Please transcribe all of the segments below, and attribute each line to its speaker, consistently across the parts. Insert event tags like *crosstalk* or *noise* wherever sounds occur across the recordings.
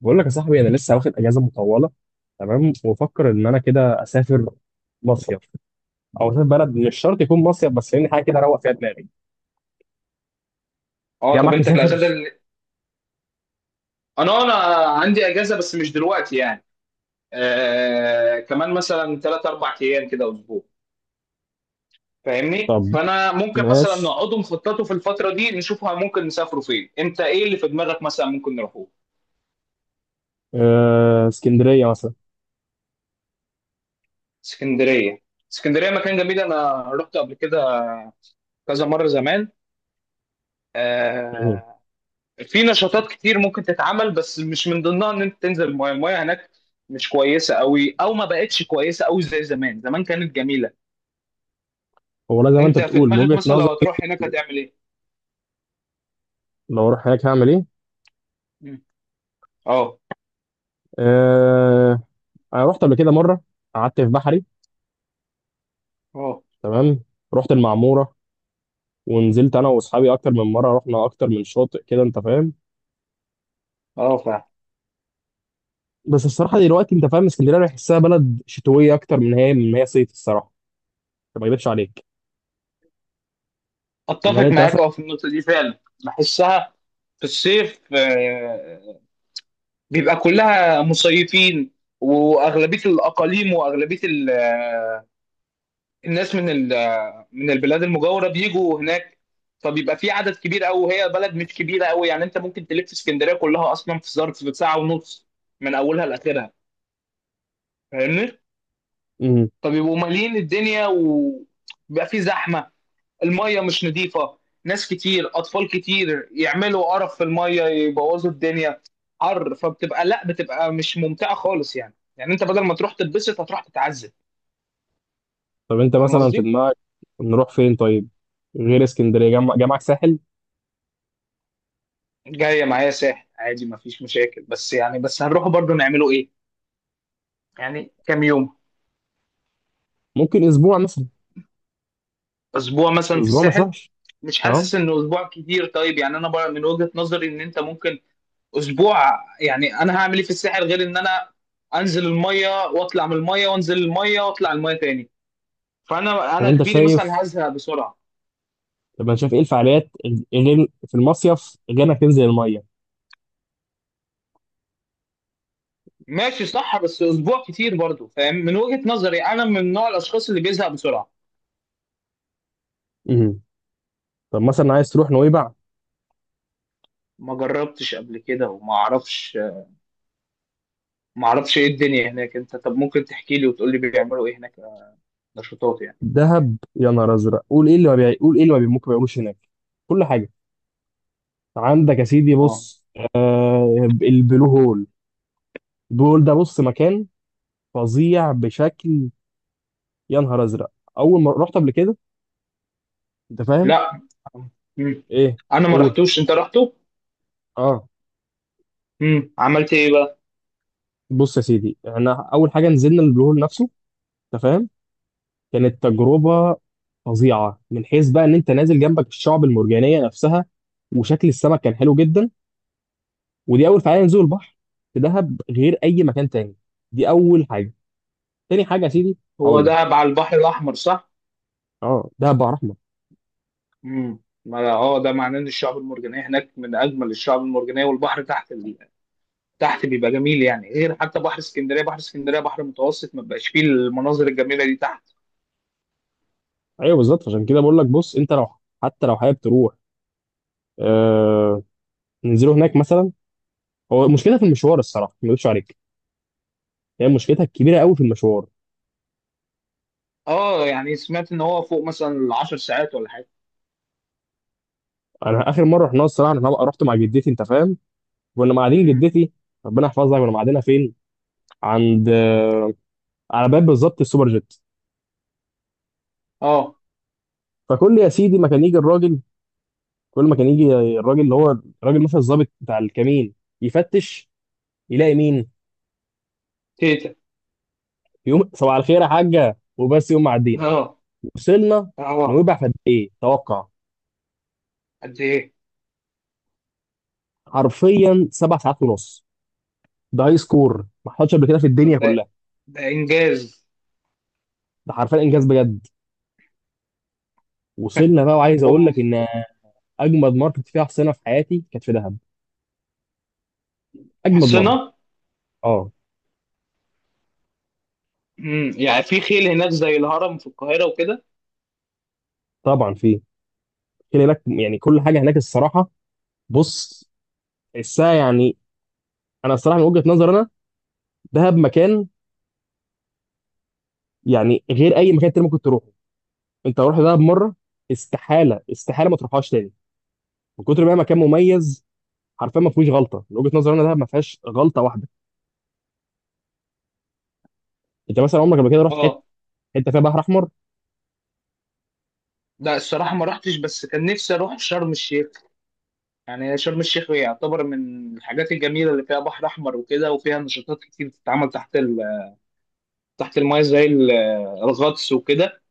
Speaker 1: بقول لك يا صاحبي، انا لسه واخد اجازه مطوله. تمام، وبفكر ان انا كده اسافر مصيف، او اسافر بلد، مش شرط يكون مصيف، بس يعني حاجه كده اروق فيها دماغي.
Speaker 2: اه،
Speaker 1: جاي
Speaker 2: طب
Speaker 1: معاك
Speaker 2: انت
Speaker 1: تسافر؟
Speaker 2: انا عندي اجازه بس مش دلوقتي يعني. كمان مثلا ثلاث اربع ايام كده اسبوع. فاهمني؟
Speaker 1: طب
Speaker 2: فانا ممكن مثلا
Speaker 1: ماشي.
Speaker 2: نقعدوا نخططوا في الفتره دي نشوفها ممكن نسافروا فين. انت ايه اللي في دماغك مثلا ممكن نروحوه؟
Speaker 1: اسكندريه مثلا.
Speaker 2: اسكندريه. اسكندريه مكان جميل، انا رحت قبل كده كذا مره زمان.
Speaker 1: مهم.
Speaker 2: آه في نشاطات كتير ممكن تتعمل، بس مش من ضمنها ان انت تنزل المايه هناك، مش كويسه قوي، او ما بقتش كويسه قوي زي زمان، زمان كانت جميله.
Speaker 1: هو لا، زي ما انت
Speaker 2: انت في
Speaker 1: بتقول، من
Speaker 2: دماغك
Speaker 1: وجهه
Speaker 2: مثلا
Speaker 1: نظر.
Speaker 2: لو هتروح هناك هتعمل ايه؟
Speaker 1: لو اروح هناك هعمل ايه؟
Speaker 2: مم. اه
Speaker 1: أه انا رحت قبل كده مره، قعدت في بحري.
Speaker 2: اه
Speaker 1: تمام. رحت المعموره ونزلت انا واصحابي اكتر من مره، رحنا اكتر من شاطئ كده، انت فاهم.
Speaker 2: اه فعلا.
Speaker 1: بس الصراحه دلوقتي، انت فاهم، اسكندريه أنا بحسها بلد شتويه اكتر من هي صيف الصراحه. طب ما اكذبش عليك، ان هل
Speaker 2: اتفق
Speaker 1: انت
Speaker 2: معاك
Speaker 1: مثلا.
Speaker 2: في النقطه دي فعلا. بحسها في الصيف، بيبقى كلها مصيفين واغلبيه الاقاليم واغلبيه الناس من من البلاد المجاوره بيجوا هناك، فبيبقى في عدد كبير قوي، وهي بلد مش كبيره قوي يعني انت ممكن تلف اسكندريه كلها اصلا في ظرف ساعه ونص من اولها لاخرها. فاهمني؟
Speaker 1: امم
Speaker 2: فبيبقوا مالين الدنيا وبيبقى في زحمه، المية مش نظيفة، ناس كتير، أطفال كتير يعملوا قرف في المية يبوظوا الدنيا، حر، فبتبقى، لا بتبقى مش ممتعة خالص، يعني أنت بدل ما تروح تتبسط هتروح تتعذب.
Speaker 1: طب انت
Speaker 2: فاهم
Speaker 1: مثلا في
Speaker 2: قصدي؟
Speaker 1: دماغك نروح فين طيب، غير اسكندريه؟ جمع جمعك ساحل.
Speaker 2: جاية معايا ساحل عادي مفيش مشاكل، بس يعني بس هنروح برضو نعمله إيه؟ يعني كام يوم؟
Speaker 1: ممكن اسبوع مثلا.
Speaker 2: أسبوع مثلا في
Speaker 1: اسبوع مش
Speaker 2: الساحل؟
Speaker 1: وحش.
Speaker 2: مش
Speaker 1: اه.
Speaker 2: حاسس إنه أسبوع كتير؟ طيب يعني أنا بقى من وجهة نظري إن أنت ممكن أسبوع، يعني أنا هعمل إيه في الساحل غير إن أنا انزل الميه واطلع من الميه وانزل الميه واطلع الميه تاني. فانا
Speaker 1: طب
Speaker 2: انا
Speaker 1: انت
Speaker 2: كبيري مثلا
Speaker 1: شايف
Speaker 2: هزهق بسرعه.
Speaker 1: طب انت شايف ايه الفعاليات غير في المصيف، غير انك تنزل الميه؟
Speaker 2: ماشي صح، بس اسبوع كتير برضو، فاهم، من وجهه نظري انا من نوع الاشخاص اللي بيزهق بسرعه.
Speaker 1: امم طب مثلا عايز تروح نويبع؟
Speaker 2: ما جربتش قبل كده وما اعرفش، ما اعرفش ايه الدنيا هناك. انت طب ممكن تحكي لي وتقول لي بيعملوا ايه هناك، نشاطات يعني.
Speaker 1: دهب يا نهار ازرق. قول ايه اللي ما بيع... قول ايه اللي ما بي... ممكن ما بيعملوش هناك؟ كل حاجه عندك يا سيدي.
Speaker 2: اه.
Speaker 1: بص، البلو هول، بيقول ده، بص، مكان فظيع بشكل، يا نهار ازرق. اول ما رحت قبل كده، انت فاهم.
Speaker 2: لا. مم.
Speaker 1: ايه؟
Speaker 2: انا ما
Speaker 1: قول.
Speaker 2: رحتوش، انت رحته.
Speaker 1: اه.
Speaker 2: عملت ايه بقى؟
Speaker 1: بص يا سيدي، احنا اول حاجه نزلنا البلو هول نفسه، انت فاهم. كانت تجربه فظيعه، من حيث بقى ان انت نازل جنبك الشعب المرجانيه نفسها، وشكل السمك كان حلو جدا. ودي اول فعاليه، نزول البحر في دهب غير اي مكان تاني. دي اول حاجه. تاني حاجه يا سيدي،
Speaker 2: هو
Speaker 1: هقول
Speaker 2: ده
Speaker 1: لك.
Speaker 2: على البحر الاحمر صح؟
Speaker 1: اه، دهب بقى رحمه.
Speaker 2: ما ده معناه ان الشعب المرجانيه هناك من اجمل الشعب المرجانيه، والبحر تحت، تحت بيبقى جميل يعني، غير حتى بحر اسكندريه، بحر اسكندريه بحر متوسط ما بقاش فيه المناظر الجميله دي تحت.
Speaker 1: ايوه بالظبط، عشان كده بقول لك، بص، انت لو حتى لو حابب تروح، آه، ننزله هناك مثلا. هو المشكله في المشوار، الصراحه ما اكذبش عليك، هي مشكلتها الكبيره قوي في المشوار.
Speaker 2: اه يعني سمعت ان هو فوق مثلا 10 ساعات ولا حاجه.
Speaker 1: انا اخر مره رحنا، الصراحه انا رحت مع جدتي، انت فاهم. كنا قاعدين
Speaker 2: مم.
Speaker 1: جدتي، ربنا يحفظها، كنا قاعدينها فين؟ عند على باب بالظبط السوبر جيت.
Speaker 2: اه.
Speaker 1: فكل يا سيدي ما كان يجي الراجل كل ما كان يجي الراجل اللي هو الراجل، مثلا الظابط بتاع الكمين، يفتش، يلاقي مين؟
Speaker 2: تيتا.
Speaker 1: يقوم صباح الخير يا حاجه، وبس، يقوم معدينا.
Speaker 2: اه.
Speaker 1: وصلنا
Speaker 2: اه.
Speaker 1: نويبع في قد ايه، توقع؟
Speaker 2: قد ايه؟
Speaker 1: حرفيا سبع ساعات ونص. ده هاي سكور ما حصلش قبل كده في الدنيا
Speaker 2: طب ده
Speaker 1: كلها.
Speaker 2: ده انجاز.
Speaker 1: ده حرفيا انجاز بجد. وصلنا بقى، وعايز اقول
Speaker 2: ام.
Speaker 1: لك ان اجمد مره كنت فيها حصينه في حياتي كانت في دهب. اجمد مره
Speaker 2: حصنه؟
Speaker 1: اه
Speaker 2: يعني في خيل هناك زي الهرم في القاهره وكده؟
Speaker 1: طبعا في كل هناك يعني كل حاجه هناك الصراحه. بص، الساعه يعني، انا الصراحه من وجهه نظر انا، دهب مكان يعني غير اي مكان تاني ممكن تروحه. انت لو رحت دهب مره، استحاله استحاله ما تروحهاش تاني، من كتر ما هي مكان مميز. حرفيا ما فيهوش غلطه، من وجهه نظر انا دهب ما فيهاش غلطه واحده. انت مثلا عمرك قبل كده رحت حته
Speaker 2: اه،
Speaker 1: حته فيها بحر احمر؟
Speaker 2: لا الصراحه ما رحتش بس كان نفسي اروح شرم الشيخ. يعني شرم الشيخ يعتبر من الحاجات الجميله اللي فيها بحر احمر وكده، وفيها نشاطات كتير بتتعمل تحت، تحت المايه زي الغطس وكده.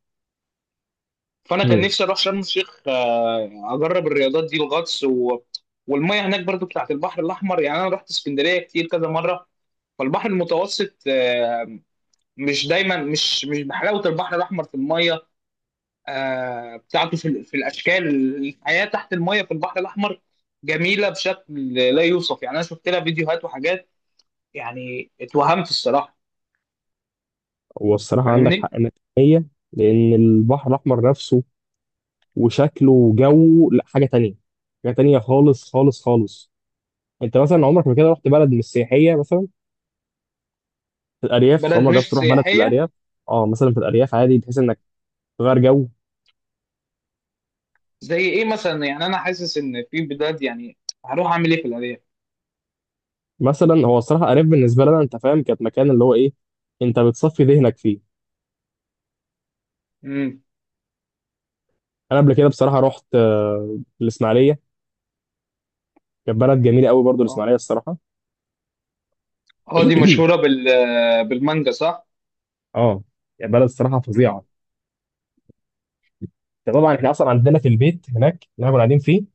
Speaker 2: فانا كان
Speaker 1: امم
Speaker 2: نفسي اروح شرم الشيخ، اجرب الرياضات دي الغطس والميه هناك برضو بتاعت البحر الاحمر. يعني انا رحت اسكندريه كتير كذا مره، فالبحر المتوسط، مش دايما، مش بحلاوه البحر الاحمر في الميه، بتاعته في الاشكال. الحياه تحت الميه في البحر الاحمر جميله بشكل لا يوصف يعني، انا شفت لها فيديوهات وحاجات، يعني اتوهمت الصراحه.
Speaker 1: والصراحه عندك حق
Speaker 2: فاهمني؟
Speaker 1: 100%، لان البحر الاحمر نفسه وشكله وجوه لا حاجه تانية. حاجه تانية خالص خالص خالص. انت مثلا عمرك ما كده رحت بلد مش سياحيه مثلا، في الارياف؟
Speaker 2: بلد
Speaker 1: عمرك
Speaker 2: مش
Speaker 1: جربت تروح بلد في
Speaker 2: سياحيه؟
Speaker 1: الارياف؟ اه مثلا في الارياف عادي، بحيث انك تغير جو.
Speaker 2: زي ايه مثلا؟ يعني انا حاسس ان في بلاد، يعني هروح اعمل ايه في الارياف؟
Speaker 1: مثلا هو الصراحه الارياف بالنسبه لنا، انت فاهم، كانت مكان اللي هو ايه، انت بتصفي ذهنك فيه.
Speaker 2: امم.
Speaker 1: انا قبل كده بصراحه رحت الاسماعيليه. كانت بلد جميله قوي برضو
Speaker 2: اه.
Speaker 1: الاسماعيليه الصراحه.
Speaker 2: دي مشهوره
Speaker 1: *clears throat*
Speaker 2: بالمانجا صح؟
Speaker 1: اه، يعني بلد الصراحه فظيعه.
Speaker 2: امم.
Speaker 1: طبعا احنا اصلا عندنا في البيت هناك اللي احنا كنا قاعدين فيه.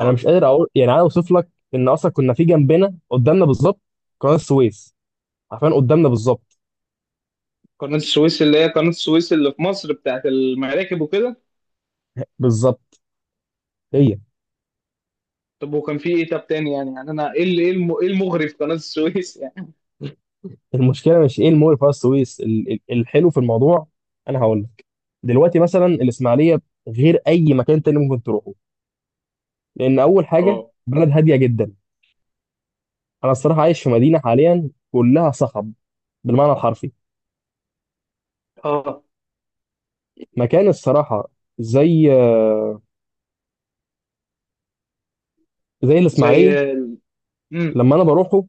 Speaker 1: انا مش قادر اقول، يعني انا اوصف لك، ان اصلا كنا في جنبنا قدامنا بالظبط قناه السويس. عارفين قدامنا بالظبط
Speaker 2: قناه السويس اللي هي قناه السويس اللي في مصر بتاعت المراكب وكده؟
Speaker 1: بالظبط هي.
Speaker 2: طب وكان في ايه طب تاني يعني، يعني انا ايه اللي ايه الم- إيه المغري في قناه السويس يعني؟
Speaker 1: المشكله مش ايه المول في قناه السويس، الحلو في الموضوع انا هقول لك. دلوقتي مثلا الاسماعيليه غير اي مكان تاني ممكن تروحه. لان اول حاجه،
Speaker 2: اه.
Speaker 1: بلد هاديه جدا. انا الصراحه عايش في مدينه حاليا كلها صخب بالمعنى الحرفي.
Speaker 2: اه.
Speaker 1: مكان الصراحه زي الاسماعيليه،
Speaker 2: زي ال- امم
Speaker 1: لما انا بروحه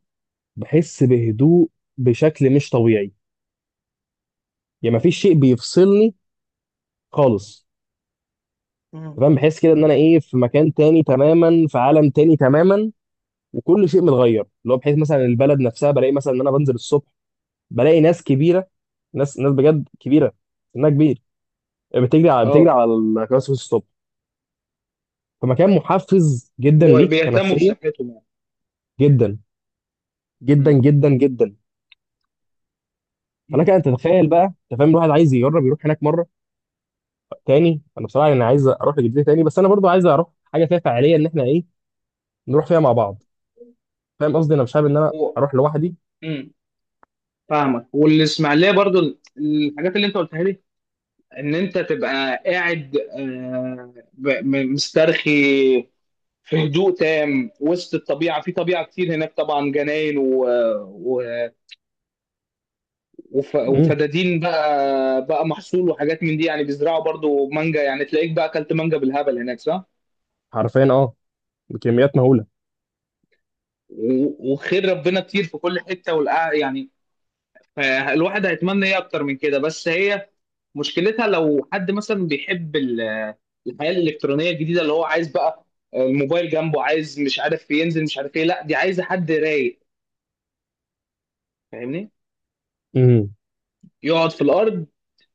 Speaker 1: بحس بهدوء بشكل مش طبيعي. يا مفيش شيء بيفصلني خالص.
Speaker 2: امم
Speaker 1: تمام، بحس كده ان انا ايه، في مكان تاني تماما، في عالم تاني تماما، وكل شيء متغير، اللي هو بحيث مثلا البلد نفسها بلاقي مثلا ان انا بنزل الصبح، بلاقي ناس كبيره، ناس بجد كبيره، سنها كبير، بتجري على بتجري
Speaker 2: اه
Speaker 1: على الكراسي الصبح. فمكان محفز جدا ليك
Speaker 2: بيهتموا
Speaker 1: كنفسيه،
Speaker 2: بصحتهم يعني.
Speaker 1: جدا جدا
Speaker 2: امم
Speaker 1: جدا جدا.
Speaker 2: امم
Speaker 1: فلك ان تتخيل بقى، انت فاهم، الواحد عايز يجرب يروح هناك مره تاني. انا بصراحه انا عايز اروح لجدتي تاني، بس انا برضو عايز اروح حاجه فيها فعاليه، ان احنا ايه، نروح فيها مع بعض. فاهم قصدي، انا مش حابب ان انا
Speaker 2: هو
Speaker 1: اروح لوحدي.
Speaker 2: امم فاهمك. والاسماعيليه برضو الحاجات اللي انت قلتها لي، ان انت تبقى قاعد، مسترخي في هدوء تام وسط الطبيعه، في طبيعه كتير هناك طبعا، جناين و...
Speaker 1: امم.
Speaker 2: وفدادين بقى محصول وحاجات من دي، يعني بيزرعوا برضو مانجا، يعني تلاقيك بقى اكلت مانجا بالهبل هناك صح؟
Speaker 1: حرفيا اه، بكميات مهوله.
Speaker 2: وخير ربنا كتير في كل حته، يعني فالواحد هيتمنى ايه اكتر من كده. بس هي مشكلتها لو حد مثلا بيحب الحياه الالكترونيه الجديده، اللي هو عايز بقى الموبايل جنبه، عايز مش عارف ينزل مش عارف ايه، لا دي عايزه حد رايق. فاهمني؟
Speaker 1: امم
Speaker 2: يقعد في الارض،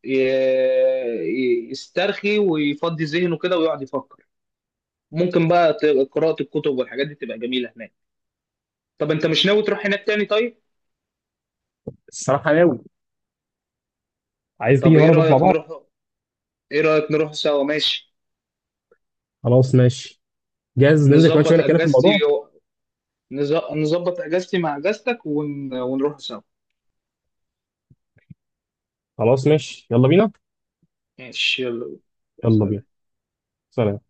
Speaker 2: ي- يسترخي ويفضي ذهنه كده ويقعد يفكر، ممكن بقى قراءه الكتب والحاجات دي تبقى جميله هناك. طب انت مش ناوي تروح هناك تاني طيب؟
Speaker 1: الصراحه ناوي. عايز تيجي
Speaker 2: طب ايه
Speaker 1: مره نروح مع
Speaker 2: رايك
Speaker 1: بعض؟
Speaker 2: نروح، ايه رايك نروح سوا ماشي؟
Speaker 1: خلاص ماشي، جاهز. ننزل كمان شويه
Speaker 2: نظبط
Speaker 1: نتكلم في الموضوع.
Speaker 2: اجازتي، نظبط اجازتي مع اجازتك ونروح سوا.
Speaker 1: خلاص ماشي، يلا بينا.
Speaker 2: ماشي يلا.
Speaker 1: يلا بينا.
Speaker 2: سلام.
Speaker 1: سلام.